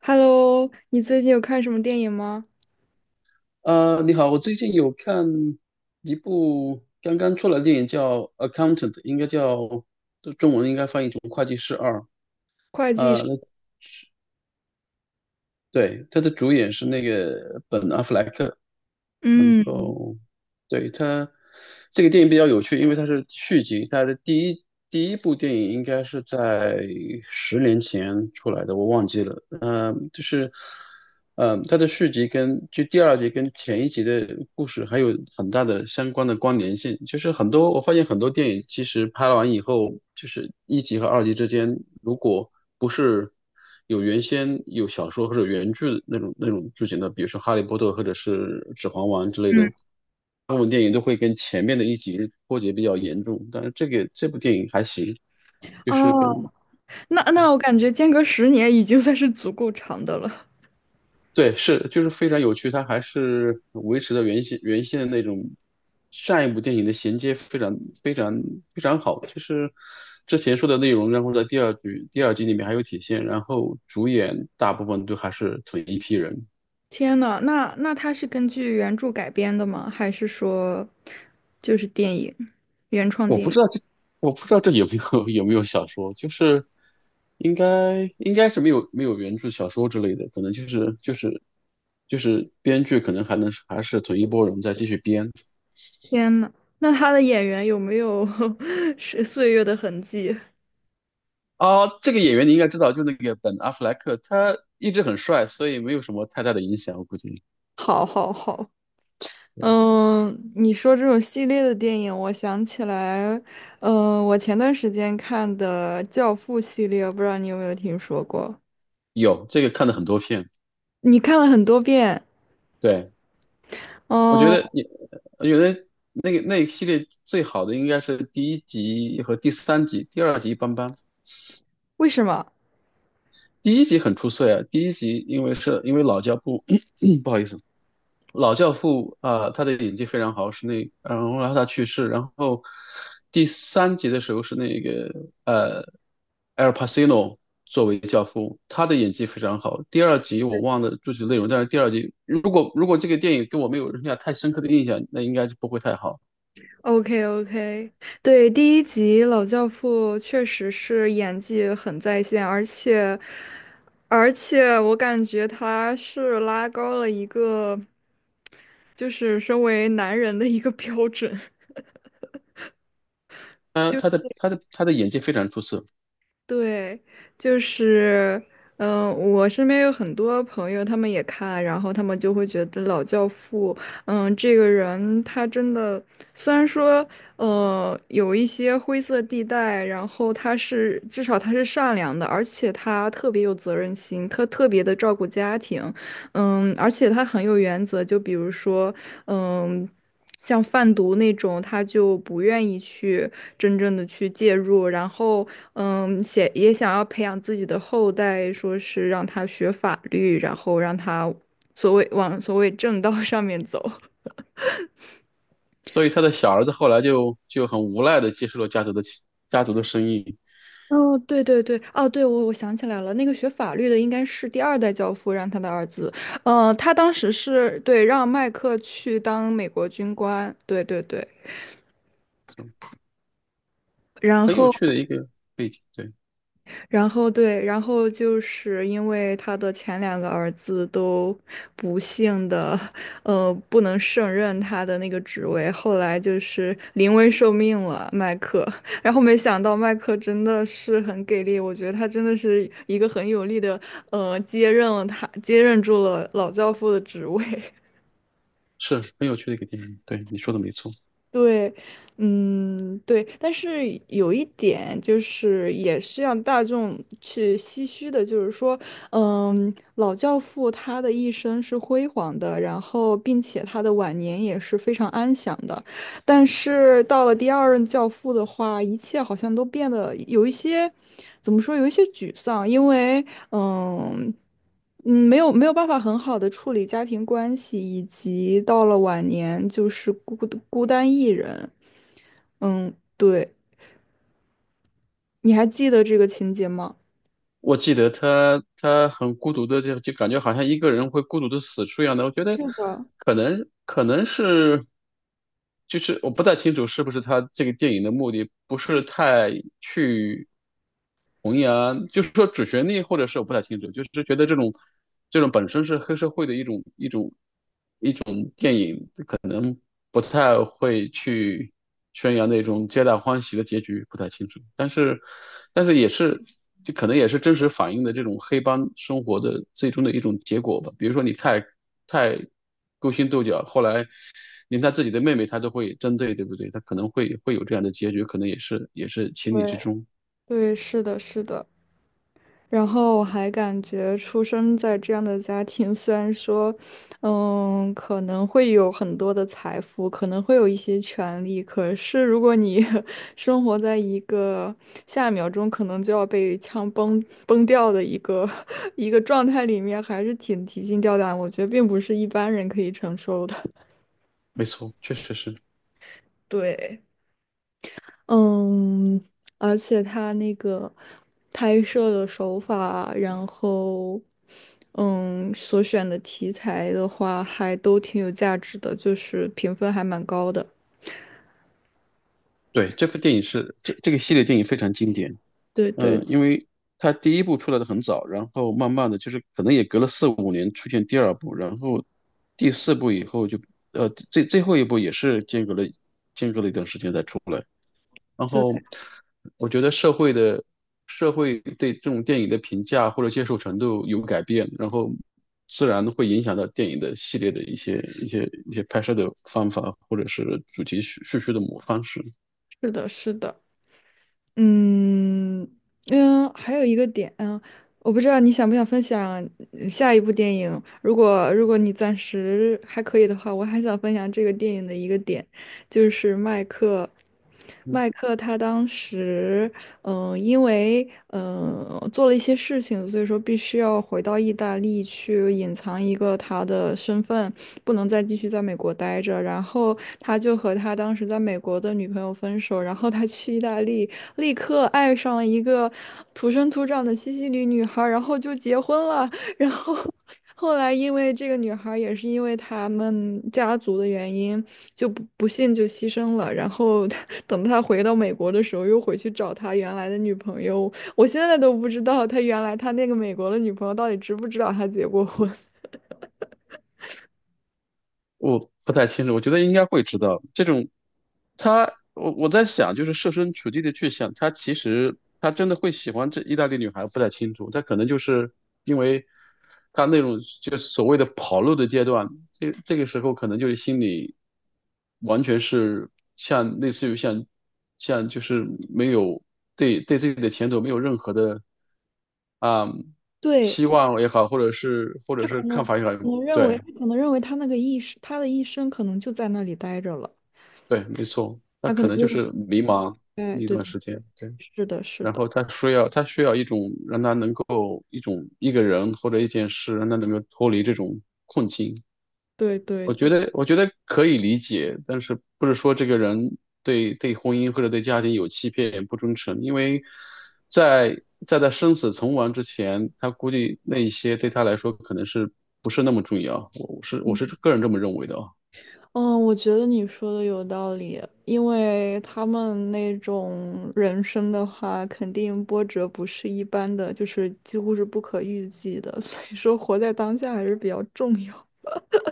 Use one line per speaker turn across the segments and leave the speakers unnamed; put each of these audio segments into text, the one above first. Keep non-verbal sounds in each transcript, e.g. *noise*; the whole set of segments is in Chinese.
Hello，你最近有看什么电影吗？
你好，我最近有看一部刚刚出来的电影叫《Accountant》，应该叫中文应该翻译成《会计师二》。
会计
呃，
是
那对，他的主演是那个本·阿弗莱克，然
嗯，
后对，这个电影比较有趣，因为它是续集，它的第一部电影应该是在10年前出来的，我忘记了。它的续集跟第二集跟前一集的故事还有很大的相关的关联性。就是很多我发现很多电影其实拍完以后，就是一集和二集之间，如果不是有原先有小说或者原著那种剧情的，比如说《哈利波特》或者是《指环王》之类的，部分电影都会跟前面的一集脱节比较严重，但是这部电影还行，就是跟
哦，那我感觉间隔十年已经算是足够长的了。
对就是非常有趣，它还是维持了原先的那种上一部电影的衔接非常非常好，就是之前说的内容，然后在第二集里面还有体现，然后主演大部分都还是同一批人。
天呐，那它是根据原著改编的吗？还是说就是电影，原创
我
电
不
影？
知道这，我不知道这有没有 *laughs* 有没有小说，就是应该是没有原著小说之类的，可能就是编剧可能还是同一波人再继续编。
天呐，那他的演员有没有 *laughs* 是岁月的痕迹？
啊。这个演员你应该知道，就那个本阿弗莱克，他一直很帅，所以没有什么太大的影响，我估计
*laughs* 好，好，好。你说这种系列的电影，我想起来，我前段时间看的《教父》系列，不知道你有没有听说过？
有这个看了很多片。
你看了很多遍
对，我觉
哦？
得你，我觉得那一系列最好的应该是第一集和第三集，第二集一般般。
为什么
第一集很出色呀，第一集因为老教父，*clears throat* 不好意思，老教父啊、他的演技非常好，然后他去世，然后第三集的时候是那个呃 Al Pacino 作为教父，他的演技非常好。第二集我忘了具体内容，但是第二集如果这个电影给我没有留下太深刻的印象，那应该就不会太好。
？OK OK,对，第一集老教父确实是演技很在线，而且我感觉他是拉高了一个，就是身为男人的一个标准。*laughs* 就。
他的演技非常出色，
对，就是，我身边有很多朋友，他们也看，然后他们就会觉得《老教父》，嗯，这个人他真的，虽然说，有一些灰色地带，然后他是至少他是善良的，而且他特别有责任心，他特别的照顾家庭，嗯，而且他很有原则，就比如说，嗯。像贩毒那种，他就不愿意去真正的去介入，然后，嗯，写也想要培养自己的后代，说是让他学法律，然后让他所谓往所谓正道 *laughs* 上面走。
所以他的小儿子后来就很无奈的接受了家族的生意。
哦，对对对，哦，对，我想起来了，那个学法律的应该是第二代教父让他的儿子，他当时是对让麦克去当美国军官，对对对，然
很有趣的
后。
一个背景，对，
然后对，然后就是因为他的前两个儿子都不幸的，不能胜任他的那个职位，后来就是临危受命了，麦克。*laughs* 然后没想到麦克真的是很给力，我觉得他真的是一个很有力的，接任了他，接任住了老教父的职位。*laughs*
是很有趣的一个电影，对，你说的没错。
对，嗯，对，但是有一点就是，也是让大众去唏嘘的，就是说，嗯，老教父他的一生是辉煌的，然后并且他的晚年也是非常安详的，但是到了第二任教父的话，一切好像都变得有一些，怎么说，有一些沮丧，因为。嗯没有办法很好的处理家庭关系，以及到了晚年就是孤单一人。对，你还记得这个情节吗？
我记得他很孤独的，就感觉好像一个人会孤独的死去一样的。我觉得
是的，
可能是，就是我不太清楚是不是他这个电影的目的不是太去弘扬，就是说主旋律，或者是我不太清楚，就是觉得这种本身是黑社会的一种。不太会去宣扬那种皆大欢喜的结局，不太清楚。但是，但是也是，就可能也是真实反映的这种黑帮生活的最终的一种结果吧。比如说你太勾心斗角，后来连他自己的妹妹他都会针对，对不对？他可能会会有这样的结局，可能也是也是情
对
理之中。
对，是的，是的。然后我还感觉出生在这样的家庭，*laughs* 虽然说，嗯，可能会有很多的财富，可能会有一些权利，可是如果你 *laughs* 生活在一个下一秒钟可能就要被枪崩掉的一个 *laughs* 一个状态里面，还是挺提心吊胆，我觉得并不是一般人可以承受的。*laughs*
没错，确实是。
对。嗯，而且他那个拍摄的手法，然后嗯，所选的题材的话，还都挺有价值的，就是评分还蛮高的。
对，这部电影这个系列电影非常经典。
对对
嗯，因为它第一部出来的很早，然后慢慢的就是可能也隔了4、5年出现第二部，然后第四部以后就最后一部也是间隔了一段时间才出来。然
对，
后我觉得社会对这种电影的评价或者接受程度有改变，然后自然会影响到电影的系列的一些拍摄的方法或者是主题叙事的方式。
是的，是的。嗯还有一个点，嗯，我不知道你想不想分享嗯下一部电影。如果你暂时还可以的话，我还想分享这个电影的一个点，就是麦克，
嗯
麦克他当时因为做了一些事情，所以说必须要回到意大利去隐藏一个他的身份，不能再继续在美国待着。然后他就和他当时在美国的女朋友分手，然后他去意大利，立刻爱上了一个土生土长的西西里女孩儿然后就结婚了。然后后来因为这个女孩儿也是因为他们家族的原因，就不幸就牺牲了。然后她等他回到美国的时候，又回去找他原来的女朋友。我现在都不知道他原来他那个美国的女朋友到底知不知道他结过婚。*laughs*
我不太清楚，我觉得应该会知道这种。我在想，就是设身处地的去想，他其实他真的会喜欢这意大利女孩，不太清楚。他可能就是因为他那种就所谓的跑路的阶段，这个时候可能就是心里完全是像类似于像像就是没有对自己的前途没有任何的啊、
对，
希望也好，或者是看法也好，对。
他可能认为他那个一生他的一生可能就在那里待着了。
对，没错，他
他可
可
能
能就
认为，
是迷茫
哎，
那一
对
段
对
时
对，
间，对，
是的，是
然后
的，
他需要一种让他能够一种一个人或者一件事让他能够脱离这种困境。
对对对。
我觉得可以理解，但是不是说这个人对婚姻或者对家庭有欺骗不忠诚，因为在在他生死存亡之前，他估计那一些对他来说可能是不是那么重要。我是个人这么认为的啊。
嗯，我觉得你说的有道理，因为他们那种人生的话，肯定波折不是一般的，就是几乎是不可预计的，*laughs* 所以说活在当下还是比较重要。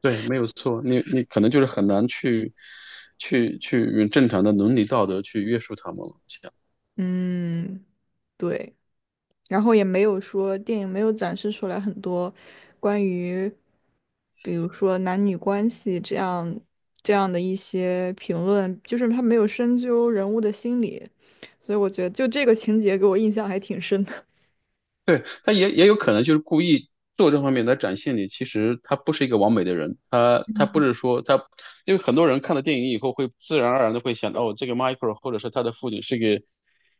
对，没有错，你可能就是很难去用正常的伦理道德去约束他们了。
嗯，对。然后也没有说电影没有展示出来很多关于，比如说男女关系这样的一些评论，就是他没有深究人物的心理，所以我觉得就这个情节给我印象还挺深的。
对，他也也有可能就是故意做这方面来展现你，其实他不是一个完美的人，他他不是
*laughs*
说他，因为很多人看了电影以后会自然而然的会想，哦，这个 Michael 或者是他的父亲是个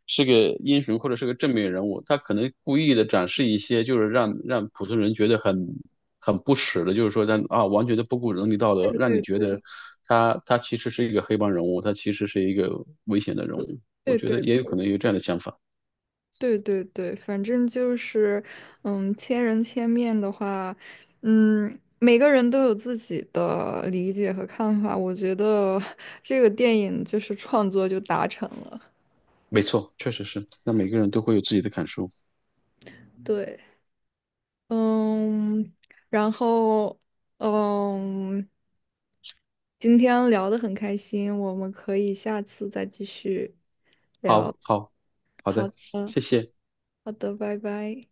英雄或者是个正面人物，他可能故意的展示一些就是让普通人觉得很不耻的，就是说完全的不顾伦理道德，
对
让你
对
觉
对
得他其实是一个黑帮人物，他其实是一个危险的人物，我觉得也
对
有可能有这样的想法。
对，反正就是，嗯，千人千面的话，嗯，每个人都有自己的理解和看法。我觉得 *laughs* 这个电影就是创作就达成了。
没错，确实是。那每个人都会有自己的感受。
对，嗯，然后，嗯，今天聊得很开心，我们可以下次再继续。
好，好，好的，
嗯，
谢谢。
好的，拜拜。